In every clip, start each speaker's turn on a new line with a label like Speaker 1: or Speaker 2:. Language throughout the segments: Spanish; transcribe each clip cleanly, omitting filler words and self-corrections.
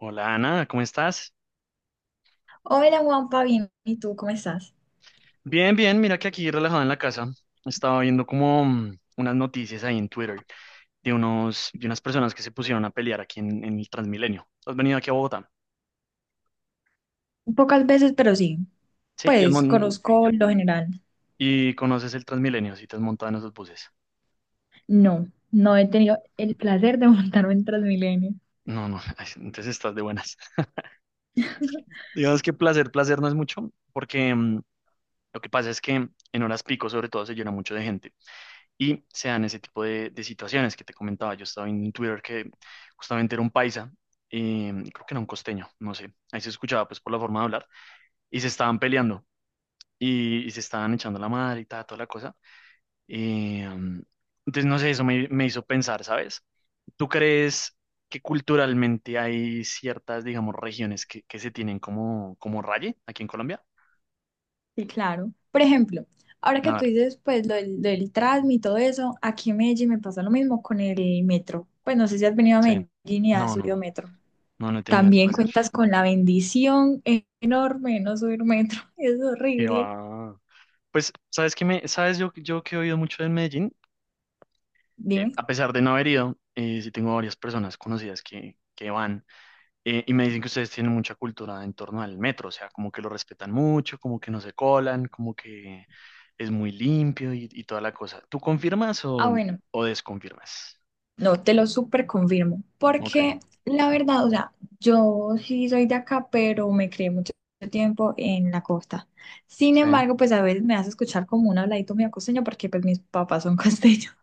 Speaker 1: Hola Ana, ¿cómo estás?
Speaker 2: Hola Juanpa, bien, ¿y tú cómo estás?
Speaker 1: Bien, bien, mira que aquí relajado en la casa. Estaba viendo como unas noticias ahí en Twitter de de unas personas que se pusieron a pelear aquí en el Transmilenio. ¿Has venido aquí a Bogotá?
Speaker 2: Pocas veces, pero sí.
Speaker 1: Sí,
Speaker 2: Pues conozco lo general.
Speaker 1: y conoces el Transmilenio, si te has montado en esos buses.
Speaker 2: No, no he tenido el placer de montarme en Transmilenio.
Speaker 1: No, no, ay, entonces estás de buenas. Digamos que placer, placer no es mucho, porque lo que pasa es que en horas pico sobre todo se llena mucho de gente. Y se dan ese tipo de situaciones que te comentaba. Yo estaba en Twitter que justamente era un paisa, creo que era un costeño, no sé, ahí se escuchaba pues por la forma de hablar, y se estaban peleando y se estaban echando la madre y tal, toda la cosa. Eh, entonces, no sé, eso me hizo pensar, ¿sabes? ¿Tú crees que culturalmente hay ciertas, digamos, regiones que se tienen como, como raye aquí en Colombia?
Speaker 2: Sí, claro. Por ejemplo, ahora
Speaker 1: A
Speaker 2: que tú
Speaker 1: ver,
Speaker 2: dices, pues lo del Transmi y todo eso, aquí en Medellín me pasa lo mismo con el metro. Pues no sé si has venido a
Speaker 1: sí.
Speaker 2: Medellín y has
Speaker 1: No, no,
Speaker 2: subido metro.
Speaker 1: no, no he tenido el
Speaker 2: También
Speaker 1: placer.
Speaker 2: cuentas con la bendición enorme de no subir metro. Es
Speaker 1: Que
Speaker 2: horrible.
Speaker 1: va. Pues, ¿sabes yo que he oído mucho de Medellín?
Speaker 2: Dime.
Speaker 1: A pesar de no haber ido, sí tengo varias personas conocidas que van y me dicen que ustedes tienen mucha cultura en torno al metro, o sea, como que lo respetan mucho, como que no se colan, como que es muy limpio y toda la cosa. ¿Tú confirmas
Speaker 2: Ah, bueno.
Speaker 1: o desconfirmas?
Speaker 2: No, te lo súper confirmo,
Speaker 1: Ok,
Speaker 2: porque la verdad, o sea, yo sí soy de acá, pero me crié mucho tiempo en la costa. Sin
Speaker 1: sí.
Speaker 2: embargo, pues a veces me hace escuchar como un habladito medio costeño, porque pues mis papás son costeños,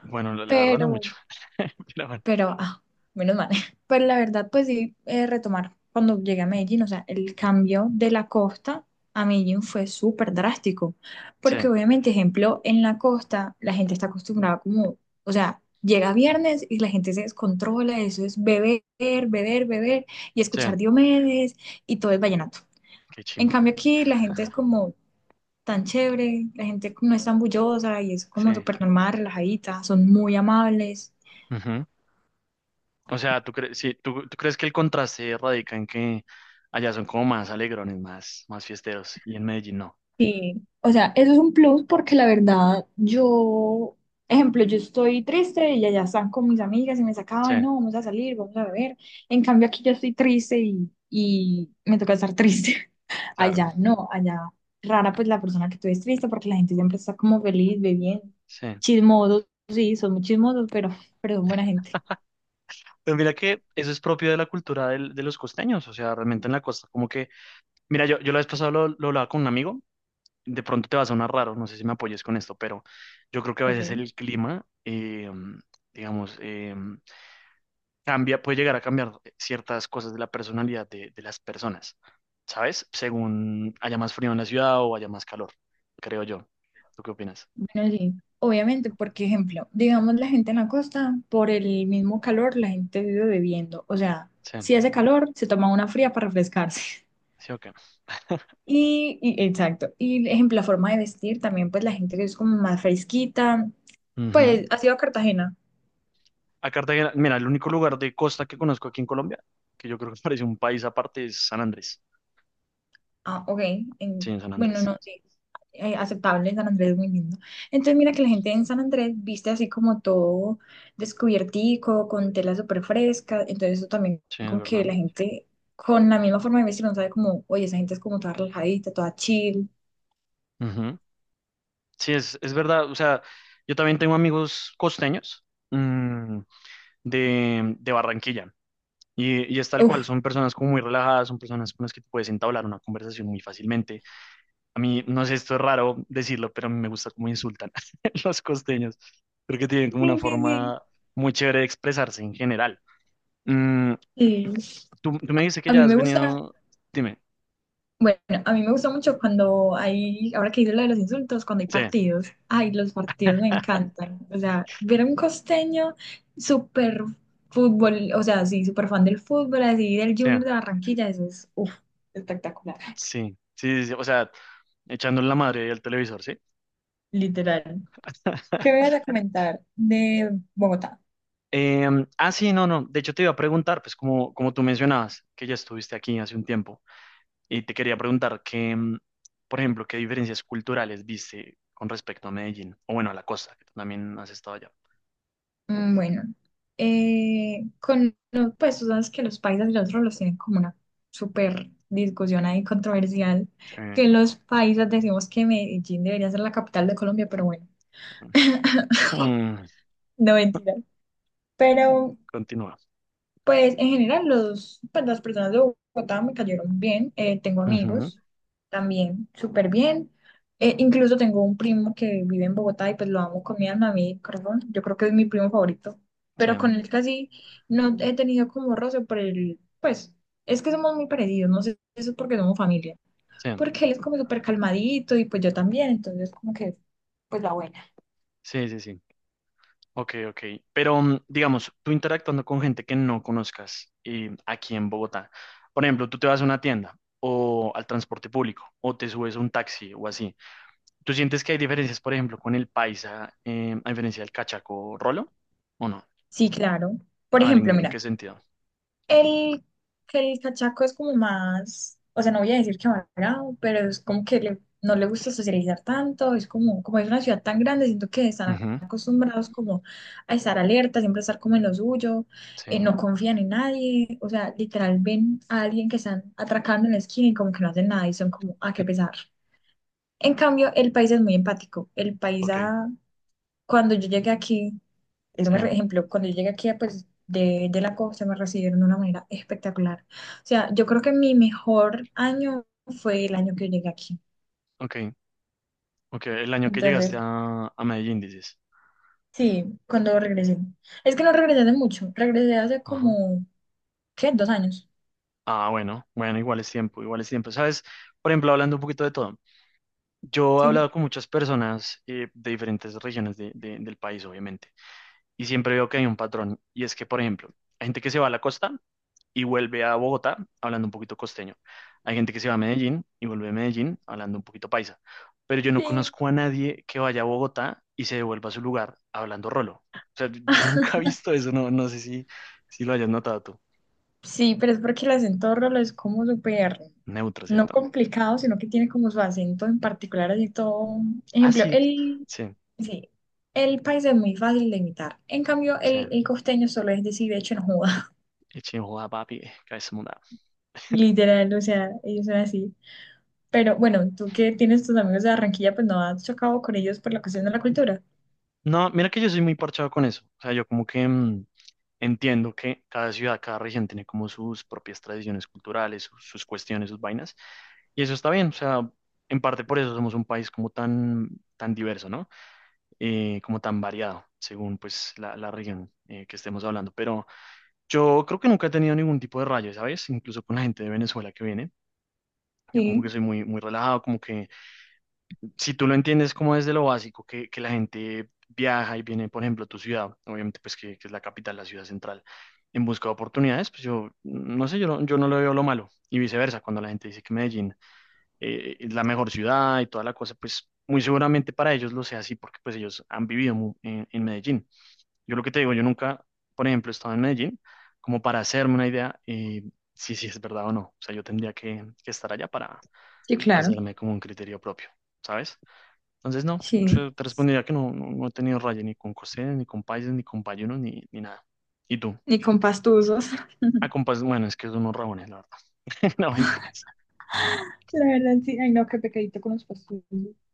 Speaker 1: Bueno, la verdad no
Speaker 2: pero,
Speaker 1: mucho, pero bueno,
Speaker 2: pero, ah, menos mal. Pero la verdad, pues sí, retomar, cuando llegué a Medellín, o sea, el cambio de la costa a Medellín fue súper drástico.
Speaker 1: sí,
Speaker 2: Porque obviamente, ejemplo, en la costa la gente está acostumbrada como, o sea, llega viernes y la gente se descontrola, eso es beber, beber, beber y
Speaker 1: sí,
Speaker 2: escuchar Diomedes y todo es vallenato.
Speaker 1: qué
Speaker 2: En
Speaker 1: chimba,
Speaker 2: cambio aquí la gente es como tan chévere, la gente no es tan bullosa y es como
Speaker 1: sí.
Speaker 2: súper normal, relajadita, son muy amables.
Speaker 1: O sea, sí, ¿tú crees que el contraste radica en que allá son como más alegrones, más, más fiesteros, y en Medellín no?
Speaker 2: Sí, o sea, eso es un plus porque la verdad, yo, ejemplo, yo estoy triste y allá están con mis amigas y me
Speaker 1: Sí,
Speaker 2: sacaban, no, vamos a salir, vamos a beber. En cambio, aquí yo estoy triste y me toca estar triste.
Speaker 1: claro,
Speaker 2: Allá no, allá rara pues la persona que tú es triste porque la gente siempre está como feliz, bebiendo,
Speaker 1: sí.
Speaker 2: chismosos, sí, son muy chismosos, pero son buena gente.
Speaker 1: Pero mira que eso es propio de la cultura de los costeños, o sea, realmente en la costa, como que, mira, yo la vez pasada lo hablaba con un amigo, de pronto te va a sonar raro, no sé si me apoyes con esto, pero yo creo que a veces
Speaker 2: Ok.
Speaker 1: el clima, digamos, cambia, puede llegar a cambiar ciertas cosas de la personalidad de las personas, ¿sabes? Según haya más frío en la ciudad o haya más calor, creo yo. ¿Tú qué opinas?
Speaker 2: Bueno, sí, obviamente, porque ejemplo, digamos la gente en la costa, por el mismo calor, la gente vive bebiendo. O sea,
Speaker 1: Sí,
Speaker 2: si hace calor, se toma una fría para refrescarse.
Speaker 1: sí, ok.
Speaker 2: Exacto. Y ejemplo, la forma de vestir también, pues la gente que es como más fresquita,
Speaker 1: Ujú.
Speaker 2: pues ha sido a Cartagena.
Speaker 1: A Cartagena, mira, el único lugar de costa que conozco aquí en Colombia, que yo creo que parece un país aparte, es San Andrés.
Speaker 2: Ah, ok.
Speaker 1: Sí,
Speaker 2: En-
Speaker 1: en San
Speaker 2: bueno,
Speaker 1: Andrés.
Speaker 2: no, sí. Aceptable, San Andrés es muy lindo. Entonces, mira que la gente en San Andrés viste así como todo descubiertico, con tela súper fresca. Entonces, eso también,
Speaker 1: Sí, es
Speaker 2: como que
Speaker 1: verdad.
Speaker 2: la gente con la misma forma de vestir, no sabe como, oye, esa gente es como toda relajadita, toda chill.
Speaker 1: Ujú. Sí, es verdad. O sea, yo también tengo amigos costeños mm, de Barranquilla. Y es tal cual,
Speaker 2: Uf.
Speaker 1: son personas como muy relajadas, son personas con las que tú puedes entablar una conversación muy fácilmente. A mí, no sé, esto es raro decirlo, pero a mí me gusta cómo insultan los costeños. Creo que tienen como una
Speaker 2: Sí, sí, sí.
Speaker 1: forma muy chévere de expresarse en general. Mm,
Speaker 2: Sí.
Speaker 1: tú me dices que
Speaker 2: A
Speaker 1: ya
Speaker 2: mí
Speaker 1: has
Speaker 2: me gusta.
Speaker 1: venido, dime,
Speaker 2: Bueno, a mí me gusta mucho cuando hay, ahora que hice lo de los insultos, cuando hay
Speaker 1: sí,
Speaker 2: partidos. Ay, los partidos me encantan. O sea, ver a un costeño súper fútbol, o sea, sí, súper fan del fútbol, así del
Speaker 1: sí,
Speaker 2: Junior de Barranquilla, eso es, uf, espectacular.
Speaker 1: sí, sí, sí, sí, o sea, echándole la madre al televisor, ¿sí?
Speaker 2: Literal. ¿Qué me vas a comentar de Bogotá?
Speaker 1: Ah, sí, no, no, de hecho te iba a preguntar, pues como, como tú mencionabas, que ya estuviste aquí hace un tiempo. Y te quería preguntar que, por ejemplo, qué diferencias culturales viste con respecto a Medellín, o bueno, a la costa, que tú también has estado allá.
Speaker 2: Bueno, con lo- pues tú sabes que los paisas y los rolos tienen como una súper discusión ahí controversial,
Speaker 1: Sí.
Speaker 2: que los paisas decimos que Medellín debería ser la capital de Colombia, pero bueno,
Speaker 1: Mm,
Speaker 2: no mentira. Pero
Speaker 1: continúa.
Speaker 2: pues en general los, pues, las personas de Bogotá me cayeron bien, tengo
Speaker 1: Ujú.
Speaker 2: amigos también súper bien. Incluso tengo un primo que vive en Bogotá y pues lo amo con mi alma, a mi corazón, yo creo que es mi primo favorito,
Speaker 1: Sí,
Speaker 2: pero con él casi no he tenido como roce por el, pues es que somos muy parecidos, no sé si eso es porque somos familia,
Speaker 1: sí,
Speaker 2: porque él es como súper calmadito y pues yo también, entonces como que pues la buena.
Speaker 1: sí, sí, sí. Ok, ok. Pero digamos, tú interactuando con gente que no conozcas aquí en Bogotá, por ejemplo, tú te vas a una tienda o al transporte público o te subes a un taxi o así. ¿Tú sientes que hay diferencias, por ejemplo, con el paisa a diferencia del cachaco rolo o no?
Speaker 2: Sí, claro. Por
Speaker 1: A ver,
Speaker 2: ejemplo,
Speaker 1: ¿en qué
Speaker 2: mira.
Speaker 1: sentido?
Speaker 2: El, que el cachaco es como más, o sea, no voy a decir que amargado, pero es como que le- no le gusta socializar tanto, es como, como es una ciudad tan grande, siento que están
Speaker 1: Ujú.
Speaker 2: acostumbrados como a estar alerta, siempre estar como en lo suyo, no
Speaker 1: Sí,
Speaker 2: confían en nadie, o sea, literal ven a alguien que están atracando en la esquina y como que no hacen nada y son como, a qué pesar. En cambio, el país es muy empático, el país
Speaker 1: ok,
Speaker 2: cuando yo llegué aquí, eso me, re-
Speaker 1: sí,
Speaker 2: ejemplo, cuando yo llegué aquí, pues, de la costa, me recibieron de una manera espectacular. O sea, yo creo que mi mejor año fue el año que llegué aquí.
Speaker 1: ok, ok. El año que llegaste
Speaker 2: Entonces,
Speaker 1: a Medellín, dices.
Speaker 2: sí, cuando regresé. Es que no regresé de mucho, regresé hace
Speaker 1: Ajá.
Speaker 2: como, ¿qué? Dos años,
Speaker 1: Ah, bueno, bueno, igual es tiempo, igual es tiempo. ¿Sabes? Por ejemplo, hablando un poquito de todo, yo he
Speaker 2: sí.
Speaker 1: hablado con muchas personas de diferentes regiones del país, obviamente, y siempre veo que hay un patrón, y es que, por ejemplo, hay gente que se va a la costa y vuelve a Bogotá hablando un poquito costeño. Hay gente que se va a Medellín y vuelve a Medellín hablando un poquito paisa. Pero yo no
Speaker 2: Sí.
Speaker 1: conozco a nadie que vaya a Bogotá y se devuelva a su lugar hablando rolo. O sea, yo nunca he visto eso, no, no sé si, si lo hayas notado tú.
Speaker 2: Sí, pero es porque el acento rolo es como súper,
Speaker 1: Neutro,
Speaker 2: no
Speaker 1: ¿cierto?
Speaker 2: complicado, sino que tiene como su acento en particular, así todo.
Speaker 1: Ah,
Speaker 2: Ejemplo,
Speaker 1: sí,
Speaker 2: el,
Speaker 1: sí,
Speaker 2: sí, el país es muy fácil de imitar. En cambio,
Speaker 1: sí.
Speaker 2: el costeño solo es decir, de hecho, en joda.
Speaker 1: Eche joda, papi, cabeza mudada.
Speaker 2: Literal, o sea, ellos son así. Pero bueno, tú que tienes tus amigos de Barranquilla, pues no has chocado con ellos por la cuestión de la cultura.
Speaker 1: No, mira que yo soy muy parchado con eso. O sea, yo como que entiendo que cada ciudad, cada región tiene como sus propias tradiciones culturales, sus cuestiones, sus vainas, y eso está bien, o sea, en parte por eso somos un país como tan, tan diverso, ¿no? Como tan variado, según pues la región que estemos hablando, pero yo creo que nunca he tenido ningún tipo de rayo, ¿sabes? Incluso con la gente de Venezuela que viene, yo como que
Speaker 2: Sí,
Speaker 1: soy muy, muy relajado, como que si tú lo entiendes como desde lo básico, que la gente viaja y viene, por ejemplo, a tu ciudad, obviamente, pues que es la capital, la ciudad central, en busca de oportunidades, pues yo, no sé, yo no le veo lo malo. Y viceversa, cuando la gente dice que Medellín es la mejor ciudad y toda la cosa, pues muy seguramente para ellos lo sea así, porque pues ellos han vivido en Medellín. Yo lo que te digo, yo nunca, por ejemplo, he estado en Medellín, como para hacerme una idea, si, si es verdad o no. O sea, yo tendría que estar allá para
Speaker 2: sí, claro.
Speaker 1: hacerme como un criterio propio, ¿sabes? Entonces, no,
Speaker 2: Sí,
Speaker 1: yo te respondería que no, no, no he tenido raya ni con costeños, ni con paisas, ni con payunos, ni, ni nada. ¿Y tú?
Speaker 2: ni con pastusos.
Speaker 1: Ah, con pais- bueno, es que son unos rabones, la verdad. No, mentiras.
Speaker 2: La verdad, sí. Ay, no, qué pecadito con los pastusos.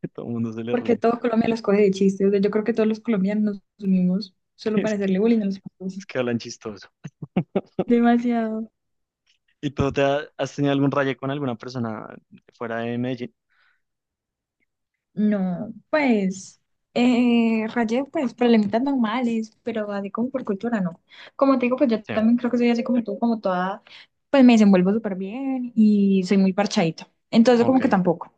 Speaker 1: Que todo el mundo se le
Speaker 2: Porque
Speaker 1: ríe.
Speaker 2: todo Colombia los coge de chiste. O sea, yo creo que todos los colombianos nos unimos solo
Speaker 1: Es
Speaker 2: para
Speaker 1: que,
Speaker 2: hacerle bullying a los franceses.
Speaker 1: es que hablan chistoso.
Speaker 2: Demasiado.
Speaker 1: ¿Y tú te has tenido algún raye con alguna persona fuera de Medellín?
Speaker 2: No, pues, rayé, pues, problemitas normales, pero así como por cultura, no. Como te digo, pues yo
Speaker 1: Sí,
Speaker 2: también creo que soy así como tú, como toda, pues me desenvuelvo súper bien y soy muy parchadita. Entonces, como
Speaker 1: ok,
Speaker 2: que tampoco.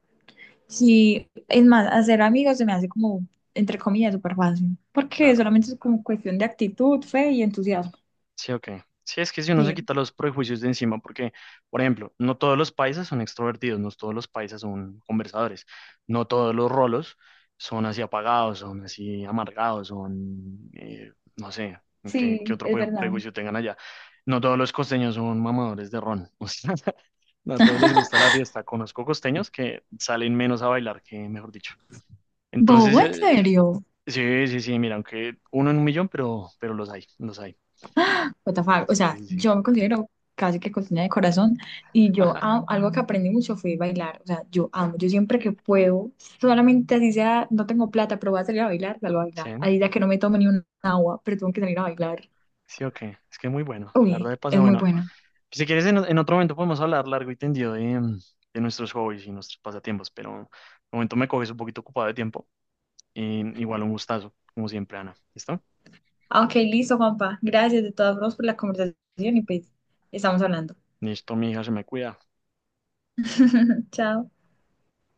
Speaker 2: Sí, es más, hacer amigos se me hace como, entre comillas, súper fácil, porque
Speaker 1: claro.
Speaker 2: solamente es como cuestión de actitud, fe y entusiasmo.
Speaker 1: Sí, ok. Sí, es que si uno se
Speaker 2: Sí,
Speaker 1: quita los prejuicios de encima, porque, por ejemplo, no todos los paisas son extrovertidos, no todos los paisas son conversadores, no todos los rolos son así apagados, son así amargados, son, no sé, qué, qué
Speaker 2: sí,
Speaker 1: otro
Speaker 2: es verdad.
Speaker 1: prejuicio tengan allá. No todos los costeños son mamadores de ron, o sea, no a todos les gusta la fiesta. Conozco costeños que salen menos a bailar que, mejor dicho.
Speaker 2: Bobo,
Speaker 1: Entonces,
Speaker 2: ¿en serio?
Speaker 1: sí, sí, sí, mira, aunque uno en 1 millón, pero los hay, los hay.
Speaker 2: What the fuck? O
Speaker 1: Sí,
Speaker 2: sea,
Speaker 1: sí, sí.
Speaker 2: yo me considero casi que cocina de corazón y yo am- algo que aprendí mucho fue bailar. O sea, yo amo, yo siempre que puedo, solamente así sea, no tengo plata, pero voy a salir a bailar, salgo a
Speaker 1: Sí,
Speaker 2: bailar. Ahí ya que no me tomo ni un agua, pero tengo que salir a bailar.
Speaker 1: sí, ok. Es que muy bueno. La verdad,
Speaker 2: Uy,
Speaker 1: de paso,
Speaker 2: es muy
Speaker 1: bueno.
Speaker 2: bueno.
Speaker 1: Si quieres, en otro momento podemos hablar largo y tendido de, de nuestros hobbies y nuestros pasatiempos, pero de momento me coges un poquito ocupado de tiempo. Y igual un gustazo, como siempre, Ana. ¿Listo?
Speaker 2: Ah, ok, listo, Juanpa. Gracias de todas formas por la conversación y pues estamos hablando.
Speaker 1: Listo, mi hija, se me cuida.
Speaker 2: Chao.